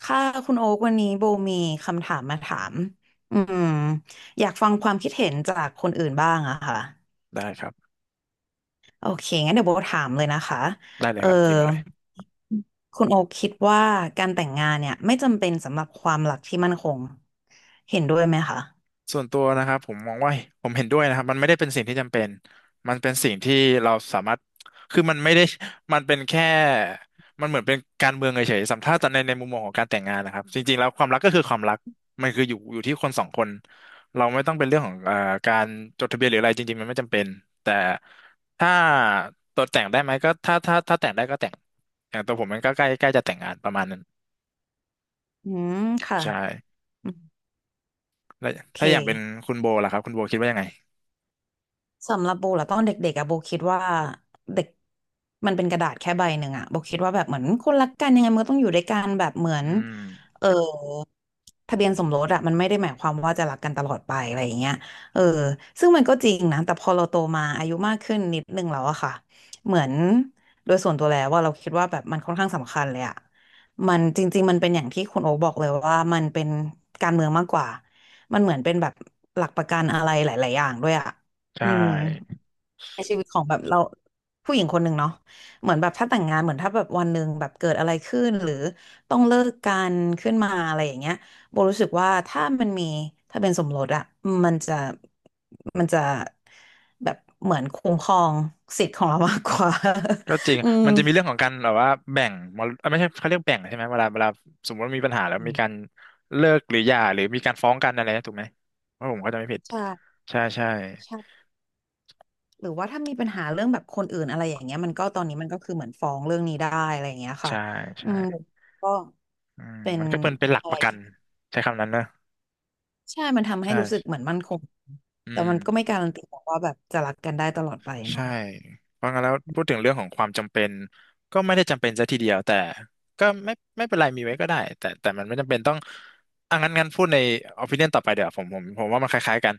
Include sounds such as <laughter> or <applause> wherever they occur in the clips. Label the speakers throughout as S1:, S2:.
S1: ค่ะคุณโอ๊กวันนี้โบมีคำถามมาถามอืมอยากฟังความคิดเห็นจากคนอื่นบ้างอะค่ะ
S2: ได้ครับ
S1: โอเคงั้นเดี๋ยวโบถามเลยนะคะ
S2: ได้เล
S1: เอ
S2: ย
S1: อ
S2: ครับยิงหมดเลย
S1: คุณโอ๊กคิดว่าการแต่งงานเนี่ยไม่จำเป็นสำหรับความรักที่มั่นคงเห็นด้วยไหมคะ
S2: ส่วนตัวนะครับผมมองว่าผมเห็นด้วยนะครับมันไม่ได้เป็นสิ่งที่จำเป็นมันเป็นสิ่งที่เราสามารถคือมันไม่ได้มันเป็นแค่มันเหมือนเป็นการเมืองเฉยๆสำหรับถ้าตอในในมุมมองของการแต่งงานนะครับจริงๆแล้วความรักก็คือความรักมันคืออยู่ที่คนสองคนเราไม่ต้องเป็นเรื่องของการจดทะเบียนหรืออะไรจริงๆมันไม่จำเป็นแต่ถ้าตัวแต่งได้ไหมก็ถ้าแต่งได้ก็แต่งอย่างตัวผมมันก็ใกล้ใกล้จะแต่งงานประมาณนั้น
S1: อืมค่ะ
S2: ใช่
S1: อืม
S2: แล้ว
S1: โอเค
S2: ถ้าอย่างเป็นคุณโบล่ะครับคุณโบคิดว่ายังไง
S1: สำหรับโบเหรอตอนเด็กๆอะโบคิดว่าเด็กมันเป็นกระดาษแค่ใบหนึ่งอะโบคิดว่าแบบเหมือนคนรักกันยังไงมันก็ต้องอยู่ด้วยกันแบบเหมือ
S2: อื
S1: น
S2: ม
S1: เออ ทะเบียนสมรสอะมันไม่ได้หมายความว่าจะรักกันตลอดไปอะไรอย่างเงี้ยเออซึ่งมันก็จริงนะแต่พอเราโตมาอายุมากขึ้นนิดนึงแล้วอะค่ะเหมือนโดยส่วนตัวแล้วว่าเราคิดว่าแบบมันค่อนข้างสำคัญเลยอะมันจริงๆมันเป็นอย่างที่คุณโอ๊คบอกเลยว่ามันเป็นการเมืองมากกว่า มันเหมือนเป็นแบบหลักประกันอะไรหลายๆอย่างด้วยอะ
S2: ใช
S1: อืม
S2: ่
S1: ในชีวิตของแบบเราผู้หญิงคนหนึ่งเนาะเหมือนแบบถ้าแต่งงานเหมือนถ้าแบบวันหนึ่งแบบเกิดอะไรขึ้นหรือต้องเลิกกันขึ้นมาอะไรอย่างเงี้ยโบรู้สึกว่าถ้ามันมีถ้าเป็นสมรสอะมันจะมันจะแบบเหมือนคุ้มครองสิทธิ์ของเรามากกว่า
S2: ก็จริง
S1: <laughs> อืม
S2: มันจะมีเรื่องของการแบบว่าแบ่งมรเอ้ยไม่ใช่เขาเรียกแบ่งใช่ไหมเวลาสมมติว่ามีปัญหาแล้วมีการเลิกหรือหย่าหรือมีการฟ้องกันอะไรนะถูกไหมว่าผมก็จะไม่ผิด
S1: ใช่
S2: ใช่ใช่
S1: ใช่หรือว่าถ้ามีปัญหาเรื่องแบบคนอื่นอะไรอย่างเงี้ยมันก็ตอนนี้มันก็คือเหมือนฟ้องเรื่องนี้ได้อะไรอย่างเงี้ยค่ะ
S2: ใช่
S1: อื
S2: ใช่
S1: มก็
S2: อืม
S1: เป็น
S2: มันก็เป็นหลัก
S1: อะ
S2: ป
S1: ไร
S2: ระกั
S1: ที่
S2: นใช้คำนั้นนะ
S1: ใช่ มันทำให้
S2: ใช่
S1: รู้สึกเหมือนมั่นคง
S2: อื
S1: แต่
S2: ม
S1: มันก็ไม่การันตีหรอกว่าแบบจะรักกันได้ตลอดไปเนาะ
S2: ใช่เพราะงั้นแล้วพูดถึงเรื่องของความจำเป็นก็ไม่ได้จำเป็นซะทีเดียวแต่ก็ไม่ไม่เป็นไรมีไว้ก็ได้แต่แต่มันไม่จำเป็นต้องอ่ะงั้นพูดใน opinion ต่อไปเดี๋ยวผมว่ามันคล้ายๆกัน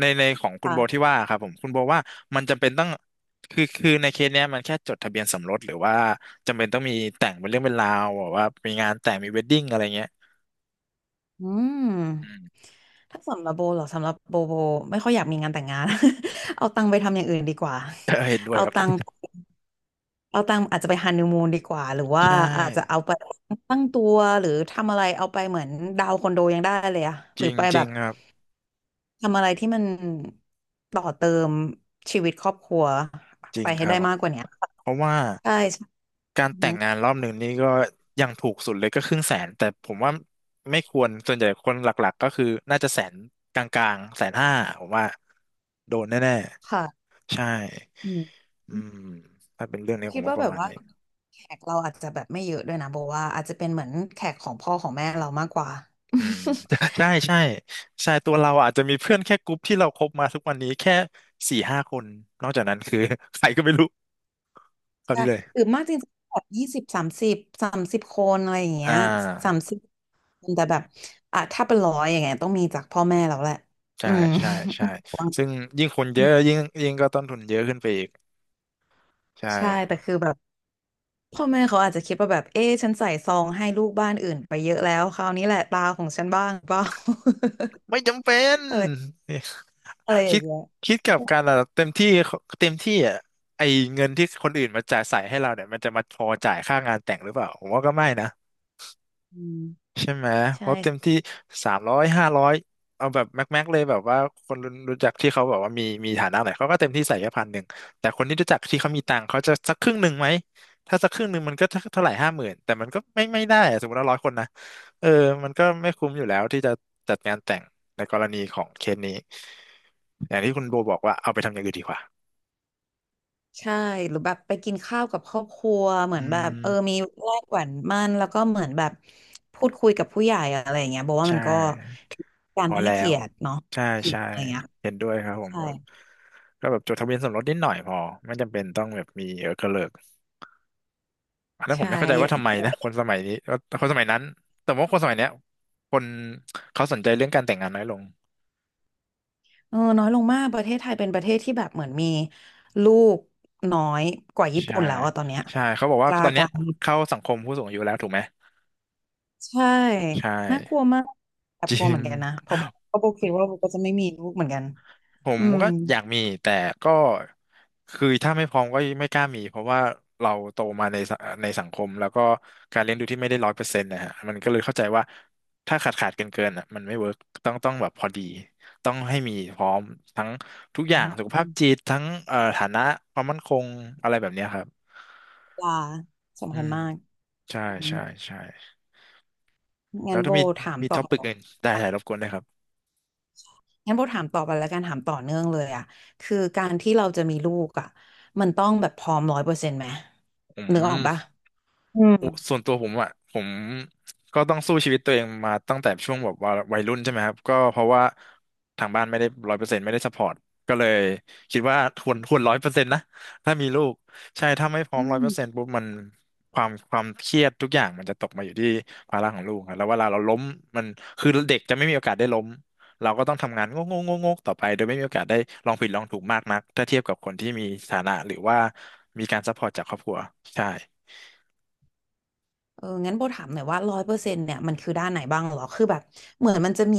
S2: ในของคุณโบที่
S1: ค่ะ
S2: ว่าครับผมคุณโบว่ามันจำเป็นต้องคือในเคสเนี้ยมันแค่จดทะเบียนสมรสหรือว่าจำเป็นต้องมีแต่งเป็นเรื่องเป็นราวแบบว่ามีงานแต่งมีเวดดิ้งอะไรเงี้ย
S1: อืม
S2: อืม <laughs>
S1: ถ้าสำหรับโบเหรอสำหรับโบโบไม่ค่อยอยากมีงานแต่งงาน <laughs> เอาตังค์ไปทำอย่างอื่นดีกว่า
S2: เออเห็นด้วย
S1: เอา
S2: ครับ
S1: ตังค์เอาตังค์อาจจะไปฮันนีมูนดีกว่า หรือว่า
S2: ใช่
S1: อาจจะเอาไปตั้งตัวหรือทำอะไรเอาไปเหมือนดาวน์คอนโดยังได้เลยอะห
S2: จ
S1: รือ
S2: ริง
S1: ไป
S2: จ
S1: แบ
S2: ริง
S1: บ
S2: ครับ
S1: ทำอะไรที่มันต่อเติมชีวิตครอบครัว
S2: จริ
S1: ไป
S2: งค
S1: ให้
S2: รั
S1: ได้
S2: บ
S1: มากกว่าเนี้ย
S2: เพราะว่า
S1: ใช่
S2: การ
S1: อือ
S2: แต่
S1: ฮึ
S2: งงานรอบหนึ่งนี่ก็ยังถูกสุดเลยก็50,000แต่ผมว่าไม่ควรส่วนใหญ่คนหลักๆก็คือน่าจะแสนกลางๆ150,000ผมว่าโดนแน่
S1: ค่ะ
S2: ๆใช่
S1: อืม
S2: อืมถ้าเป็นเรื่องนี้ผ
S1: คิ
S2: ม
S1: ด
S2: ว่า
S1: ว่า
S2: ป
S1: แบ
S2: ระ
S1: บ
S2: มาณ
S1: ว่า
S2: นี้
S1: แขกเราอาจจะแบบไม่เยอะด้วยนะบอกว่าอาจจะเป็นเหมือนแขกของพ่อของแม่เรามากกว่า
S2: อืม
S1: <laughs>
S2: <laughs> ใช่ใช่ใช่ตัวเราอาจจะมีเพื่อนแค่กลุ่มที่เราคบมาทุกวันนี้แค่4-5 คนนอกจากนั้นคือ <laughs> ใครก็ไม่รู้คราว
S1: ใช่
S2: นี้เลย
S1: หรือมากจริงๆแบบ20สามสิบสามสิบคนอะไรอย่าง
S2: อ่
S1: เงี้ยสาม
S2: า
S1: สิบแต่แบบอ่ะถ้าเป็นร้อยอย่างเงี้ยต้องมีจากพ่อแม่เราแหละ
S2: ใช่
S1: อืม
S2: ใช่ใช่
S1: <laughs>
S2: ซึ่งยิ่งคนเยอะยิ่งยิ่งก็ต้นทุนเยอะขึ้นไปอีกใช่
S1: ใช่แต่คือแบบพ่อแม่เขาอาจจะคิดว่าแบบเอ๊ะฉันใส่ซองให้ลูกบ้านอื่นไปเยอะแล้วคราวนี้แหละตาของฉันบ้างเปล่า
S2: ไม่จำเป็น
S1: <laughs> อะไร
S2: <laughs>
S1: อะไรอ
S2: คิ
S1: ย่าง
S2: ด
S1: เงี้ย
S2: คิดกับการเราเต็มที่เต็มที่อ่ะไอเงินที่คนอื่นมาจ่ายใส่ให้เราเนี่ยมันจะมาพอจ่ายค่างานแต่งหรือเปล่าผมว่าก็ไม่นะ
S1: อืม
S2: ใช่ไหมเพ
S1: ใช่
S2: ราะเต็มที่300-500เอาแบบแม็กแม็กเลยแบบว่าคนรู้จักที่เขาแบบว่ามีฐานะหน่อยเขาก็เต็มที่ใส่แค่1,000แต่คนที่รู้จักที่เขามีตังค์เขาจะสักครึ่งหนึ่งไหมถ้าสักครึ่งหนึ่งมันก็เท่าไหร่50,000แต่มันก็ไม่ได้อะสมมติว่า100 คนนะเออมันก็ไม่คุ้มอยู่แล้วที่จะจัดงานแต่งในกรณีของเคสนี้อย่างที่คุณโบบอกว่าเอาไปทำอย่างอื่นดีกว่า
S1: ใช่หรือแบบไปกินข้าวกับครอบครัวเหมื
S2: อื
S1: อนแบบเอ
S2: ม
S1: อมีแลกหวานมันแล้วก็เหมือนแบบพูดคุยกับผู้ใหญ่อะไรอย่างเงี้ยบอกว่า
S2: ใช่
S1: มันก็กา
S2: พ
S1: ร
S2: อ
S1: ให้
S2: แล้
S1: เกี
S2: ว
S1: ยรติเนาะ
S2: ใช่
S1: อีก
S2: ใช่
S1: อะไรเงี้ย
S2: เห็นด้วยครับผม
S1: ใช่
S2: ก็ก็แบบจดทะเบียนสมรสนิดหน่อยพอไม่จำเป็นต้องแบบมีกระเลิกอันนั้นผม
S1: ใช่
S2: ไม่เข้าใจว่าทำไมนะคนสมัยนี้ว่าคนสมัยนั้นแต่ว่าคนสมัยเนี้ยคนเขาสนใจเรื่องการแต่งงานน้อยลง
S1: เออน้อยลงมากประเทศไทยเป็นประเทศที่แบบเหมือนมีลูกน้อยกว่าญี่
S2: ใช่
S1: ปุ่นแล้วอะตอนเนี้ย
S2: ใช่เขาบอก
S1: ก
S2: ว่า
S1: ลา
S2: ตอนเนี้
S1: กา
S2: ย
S1: ร
S2: เข้าสังคมผู้สูงอายุแล้วถูกไหม
S1: ใช่
S2: ใช่
S1: น่ากลัวมากแอบ
S2: จ
S1: กลัว
S2: ริ
S1: เห
S2: ง
S1: มือนกันนะเพราะเพราะโบคิดว่าโบก็จะไม่มีลูกเหมือนกัน
S2: ผม
S1: อืม
S2: ก็อยากมีแต่ก็คือถ้าไม่พร้อมก็ไม่กล้ามีเพราะว่าเราโตมาในในสังคมแล้วก็การเลี้ยงดูที่ไม่ได้100%นะฮะมันก็เลยเข้าใจว่าถ้าขาดขาดเกินเกินอ่ะมันไม่เวิร์กต้องแบบพอดีต้องให้มีพร้อมทั้งทุกอย่างสุขภาพจิตทั้งฐานะความมั่นคงอะไรแบบเนี้ยครับ
S1: ปลา
S2: อื
S1: สำคัญ
S2: ม
S1: มาก
S2: ใช่
S1: อืม
S2: ใช่ใช่แล้
S1: งั้
S2: ว
S1: นโบ
S2: ถ้ามี
S1: ถาม
S2: มี
S1: ต่อ
S2: ท็อปิกอื่นได้ถ่ายรบ
S1: ค่ะ
S2: กวนได้วยครับ
S1: งั้นโบถามต่อไปแล้วกันถามต่อเนื่องเลยอ่ะคือการที่เราจะมีลูกอ่ะมันต้องแบบพร้อมร้อยเปอร์เซ็นต์ไหม
S2: อื
S1: นึกออกปะ
S2: ม
S1: อืม
S2: โอ้ส่วนตัวผมอ่ะผมก็ต้องสู้ชีวิตตัวเองมาตั้งแต่ช่วงแบบว่าวัยรุ่นใช่ไหมครับก็เพราะว่าทางบ้านไม่ได้ร้อยเปอร์เซ็นต์ไม่ได้สปอร์ตก็เลยคิดว่าควรร้อยเปอร์เซ็นต์นะถ้ามีลูกใช่ถ้าไม่พร้อ
S1: อื
S2: มร้อย
S1: ม
S2: เปอร์เซ็นต์ปุ๊บมันความเครียดทุกอย่างมันจะตกมาอยู่ที่ภาระของลูกครับแล้วเวลาเราล้มมันคือเด็กจะไม่มีโอกาสได้ล้มเราก็ต้องทำงานงกงกงกๆต่อไปโดยไม่มีโอกาสได้ลองผิดลองถูกมากนักถ้าเทียบกับคนที่มีฐานะหรือว่ามีการซัพพอร์ตจากครอบครัวใช่
S1: เอองั้นโบถามหน่อยว่าร้อยเปอร์เซ็นต์เนี่ยมันคือด้านไหนบ้างเหรอคือแบบเหมือนมันจะมี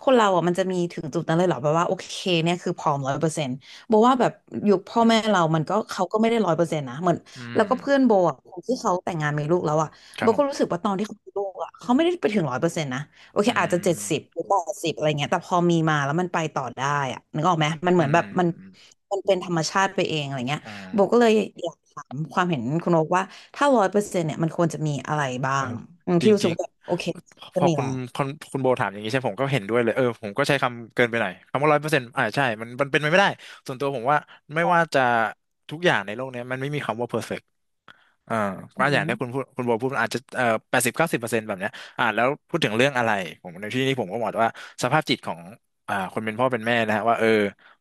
S1: คนเราอ่ะมันจะมีถึงจุดนั้นเลยเหรอแบบว่าโอเคเนี่ยคือพร้อมร้อยเปอร์เซ็นต์โบว่าแบบยุคพ่อแม่เรามันก็เขาก็ไม่ได้ร้อยเปอร์เซ็นต์นะเหมือน
S2: อื
S1: แล้
S2: ม
S1: วก็เพื่อนโบอ่ะคนที่เขาแต่งงานมีลูกแล้วอ่ะ
S2: ครั
S1: โบ
S2: บผ
S1: ก็รู้
S2: ม
S1: สึกว่าตอนที่เขามีลูกอ่ะเขาไม่ได้ไปถึงร้อยเปอร์เซ็นต์นะโอเค
S2: อื
S1: อาจจะ70
S2: ม
S1: หรือ80อะไรเงี้ยแต่พอมีมาแล้วมันไปต่อได้อ่ะนึกออกไหมมันเห
S2: อื
S1: มือน
S2: ม
S1: แบบมัน
S2: อืม
S1: มันเป็นธรรมชาติไปเองอะไรเงี้ย
S2: อ่า
S1: โบก็เลยอยากถามความเห็นคุณโอ๊กว่าถ้าร้อยเปอร์เซ็นต์เนี่ยมันควรจะมีอะไรบ้า
S2: เออ
S1: งอืม
S2: จ
S1: ที่รู้สึ
S2: ริ
S1: ก
S2: ง
S1: ว่าแบบโอเค
S2: ๆพ
S1: จะ
S2: อ
S1: มี
S2: คุณ
S1: ละ
S2: คุณคุณโบถามอย่างนี้ใช่ผมก็เห็นด้วยเลยเออผมก็ใช้คำเกินไปหน่อย คำว่า100%อ่าใช่มันเป็นไปไม่ได้ส่วนตัวผมว่าไม่
S1: คอ
S2: ว่า
S1: ม
S2: จะทุกอย่างในโลกเนี้ยมันไม่มีคำว่าเพอร์เฟก เออ
S1: อื
S2: ก็อย่างที่
S1: ม
S2: คุณพูดคุณโบพูดมันอาจจะ80-90%แบบเนี้ยแล้วพูดถึงเรื่องอะไรผมในที่นี้ผมก็บอกว่าสภาพจิตของคนเป็นพ่อเป็นแม่นะฮะว่าเออ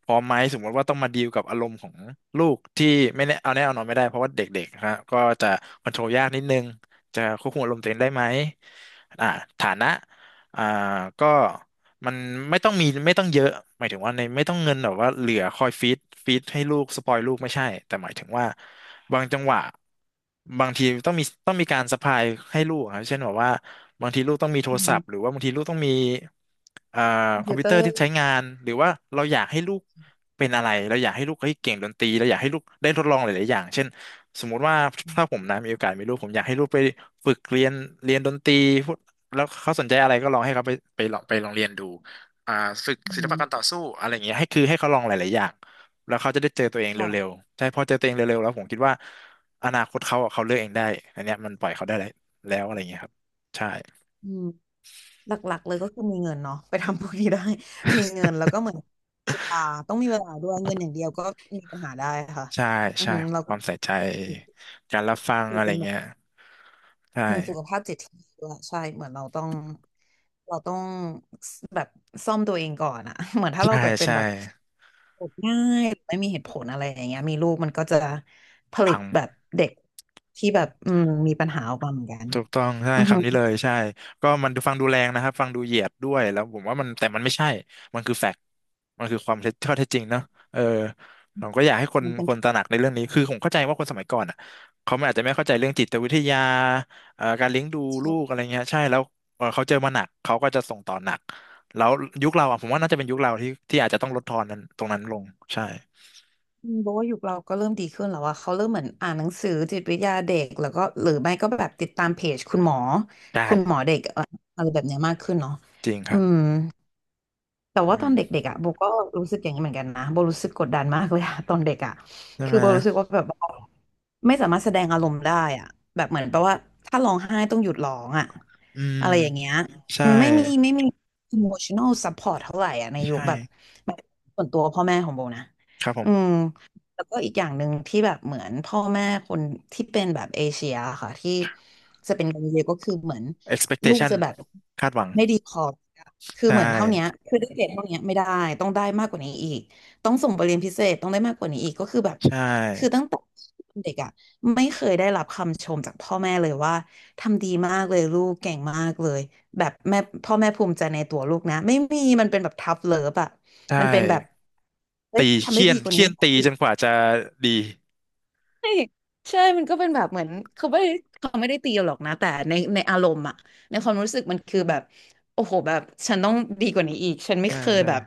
S2: พร้อมไหมสมมติว่าต้องมาดีลกับอารมณ์ของลูกที่ไม่แน่เอาแน่เอานอนไม่ได้เพราะว่าเด็กๆนะฮะก็จะคอนโทรลยากนิดนึงจะควบคุมอารมณ์ตัวเองได้ไหมอ่าฐานะอ่าก็ มันไม่ต้องมีไม่ต้องเยอะหมายถึงว่าในไม่ต้องเงินแบบว่าเหลือคอยฟีดฟีดให้ลูกสปอยลูกไม่ใช่แต่หมายถึงว่าบางจังหวะบางทีต้องมีต้องมีการสะพายให้ลูกครับเช่นแบบว่าบางทีลูกต้องมีโท
S1: อื
S2: รศัพท์หรือ
S1: ม
S2: ว่าบางทีลูกต้องมีเอ่อ
S1: คอม
S2: คอม
S1: พิว
S2: พิว
S1: เตอ
S2: เตอร์
S1: ร์
S2: ที่ใช้งานหรือว่าเราอยากให้ลูกเป็นอะไรเราอยากให้ลูกเฮ้ยเก่งดนตรีเราอยากให้ลูกได้ทดลองหลายๆอย่างเช่นสมมุติว่า
S1: อื
S2: ถ้าผ
S1: ม
S2: มนะมีโอกาสมีลูกผมอยากให้ลูกไปฝึกเรียนเรียนดนตรี แล้วเขาสนใจอะไรก็ลองให้เขาไปไปลองเรียนดูอ่าฝึกศิลปะการต่อสู้อะไรอย่างเงี้ยให้คือให้เขาลองหลายๆอย่างแล้วเขาจะได้เจอตัวเองเร็ว
S1: ค่ะ
S2: ๆใช่พอเจอตัวเองเร็วๆ แล้วผมคิดว่าอนาคตเขาอะเขาเลือกเองได้อันเนี้ยมันปล่อยเขาได้แล้วแล้วอะไรอย่างเงี้ยครับใช่
S1: อืมหลักๆเลยก็คือมีเงินเนาะไปทำพวกนี้ได้ <laughs> มีเงินแล้วก็เหมือนเวลาต้องมีเวลาด้วยเงินอย่างเดียวก็มีปัญหาได้ค่ะ
S2: ใช่
S1: อือ
S2: ใช่
S1: หือเรา
S2: ค
S1: ก็
S2: วามใส่ใจการรับฟัง
S1: คือ
S2: อะไร
S1: เป็นแบบ
S2: เงี้ยใช่
S1: มีสุขภาพจิตที่ดีด้วยใช่เหมือนเราต้องแบบซ่อมตัวเองก่อนอะ <laughs> เหมือนถ้าเรา
S2: ใช่
S1: แบบเป็น
S2: ใช่
S1: แบบ กง่ายไม่มีเหตุผลอะไรอย่างเงี้ยมีลูกมันก็จะผลิ
S2: พั
S1: ต
S2: ง
S1: แบบเด็กที่แบบมีปัญหาออกมาเหมือนกัน
S2: ถูกต้องใช่
S1: อือฮึ
S2: คำนี้เลยใช่ก็มันดูฟังดูแรงนะครับฟังดูเหยียดด้วยแล้วผมว่ามันแต่มันไม่ใช่มันคือแฟกต์มันคือความเท็จข้อเท็จจริงเนาะเออผมก็อยากให้คน
S1: มันเป็น
S2: คน
S1: ทุก
S2: ต
S1: อ
S2: ระหนักในเรื่องนี้
S1: ย่าง
S2: คือผมเข้าใจว่าคนสมัยก่อนอ่ะเขาอาจจะไม่เข้าใจเรื่องจิตวิทยาการเลี้ยงดูลูกอะ
S1: ใช่
S2: ไรเงี้ยใช่แล้วเขาเจอมาหนักเขาก็จะส่งต่อหนักแล้วยุคเราอ่ะผมว่าน่าจะเป็นยุคเราที่อาจจะต้องลดทอนนั้นตรงนั้นลงใช่
S1: อืมบอกว่ายุคเราก็เริ่มดีขึ้นแล้วว่าเขาเริ่มเหมือนอ่านหนังสือจิตวิทยาเด็กแล้วก็หรือไม่ก็แบบติดตามเพจคุณหมอ
S2: ไ
S1: คุณหมอ
S2: ด้
S1: เด็กอะไรแบบเนี้ยมากขึ้นเนาะ
S2: จริงค
S1: อื
S2: รับ
S1: ม แต่
S2: อื
S1: ว่าตอน
S2: ม
S1: เด็กๆอ่ะโบก็รู้สึกอย่างนี้เหมือนกันนะโบรู้สึกกดดันมากเลยอะ <laughs> ตอนเด็กอ่ะ
S2: ใช่
S1: คือ
S2: ไหม
S1: โบรู้สึกว่าแบบว่าไม่สามารถแสดงอารมณ์ได้อ่ะแบบเหมือนแปลว่าถ้าร้องไห้ต้องหยุดร้องอ่ะ
S2: อืม
S1: อะไรอย่างเงี้ย
S2: ใช่
S1: อืมไม่มี emotional support เท่าไหร่อ่ะในยุค
S2: ใช่
S1: แบบแบบส่วนตัวพ่อแม่ของโบนะ
S2: ครับผ
S1: อื
S2: ม
S1: มแล้วก็อีกอย่างหนึ่งที่แบบเหมือนพ่อแม่คนที่เป็นแบบเอเชียค่ะที่จะเป็นกันเยอะก็คือเหมือนลูก
S2: expectation
S1: จะแบบ
S2: คาดหวัง
S1: ไม่ดีพอ <laughs> คือ
S2: ใช่
S1: เหมือนเท่าเนี้ยคือได้เกรดเท่าเนี้ยไม่ได้ ต้องได้มากกว่านี้อีก ต้องส่งไปเรียนพิเศษต้องได้มากกว่านี้อีกก็คือแบบ
S2: ใช่
S1: คือตั้งแต่เด็กอ่ะไม่เคยได้รับคำชมจากพ่อแม่เลยว่าทำดีมากเลยลูกเก่งมากเลยแบบแม่พ่อแม่ภูมิใจในตัวลูกนะไม่มีมันเป็นแบบทัฟเลิฟอ่ะ
S2: ใช่
S1: มันเป็นแบบเฮ้ย
S2: ตี
S1: ทำได้
S2: เคี่ย
S1: ดี
S2: น
S1: กว่า
S2: เคี่
S1: นี้
S2: ยนตีจนกว่าจะดี
S1: ใช่ใช่ มันก็เป็นแบบเหมือนเขาไม่ได้เขาไม่ได้ตีเราหรอกนะแต่ในอารมณ์อะในความรู้สึกมันคือแบบโอ้โหแบบฉันต้องดีกว่านี้อีกฉันไม่
S2: ใช่
S1: เคย
S2: ใช่
S1: แบบ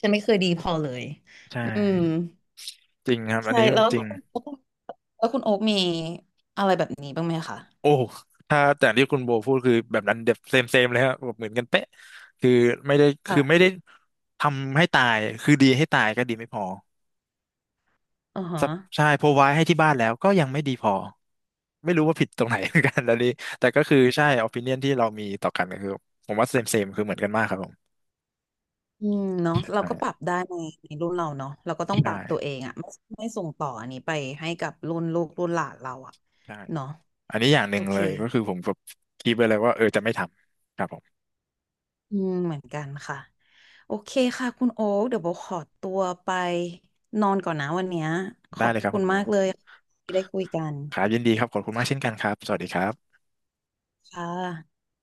S1: ฉันไม่เคยดีพอเลย
S2: ใช่
S1: อืม
S2: จริงครับอัน
S1: ใช่
S2: นี้
S1: แล้ว
S2: จริ
S1: แล้ว
S2: ง
S1: คุณโอ๊คมีอะไรแบบนี้บ้างไหมคะ
S2: โอ้ถ้าแต่ที่คุณโบพูดคือแบบนั้นเดบเซมเซมเลยครับแบบเหมือนกันเป๊ะคือไม่ได้คือไม่
S1: ค่ะ
S2: ได้ทำให้ตายคือดีให้ตายก็ดีไม่พอ
S1: อือฮะ
S2: ซับใช่พอไว้ให้ที่บ้านแล้วก็ยังไม่ดีพอไม่รู้ว่าผิดตรงไหน <laughs> เหมือนกันแล้วนี้แต่ก็คือใช่ opinion ที่เรามีต่อกันก็คือผมว่าเซมเซมคือเหมือนกันมากครับผ
S1: อืมเนาะเราก็ปรับ
S2: ม
S1: ได้ในในรุ่นเราเนาะเราก็ต้อ
S2: ใ
S1: งปรับตัวเอ
S2: ช่
S1: งอะไม่ส่งต่ออันนี้ไปให้กับรุ่นลูกรุ่นหลานเราอะ
S2: ใช่
S1: เนาะ
S2: อันนี้อย่างห
S1: โอ
S2: นึ่ง
S1: เค
S2: เลยก็คือผมแบบคิดไปเลยว่าเออจะไม่ทำครับผม
S1: อืมเหมือนกันค่ะโอเคค่ะคุณโอ๊คเดี๋ยวโบขอตัวไปนอนก่อนนะวันเนี้ยข
S2: ได้
S1: อบ
S2: เลยครับ
S1: คุ
S2: คุ
S1: ณ
S2: ณโบ
S1: มากเลยที่ได้คุยกัน
S2: ครับยินดีครับขอบคุณมากเช่นกันครับสวัสดีครับ
S1: ค่ะ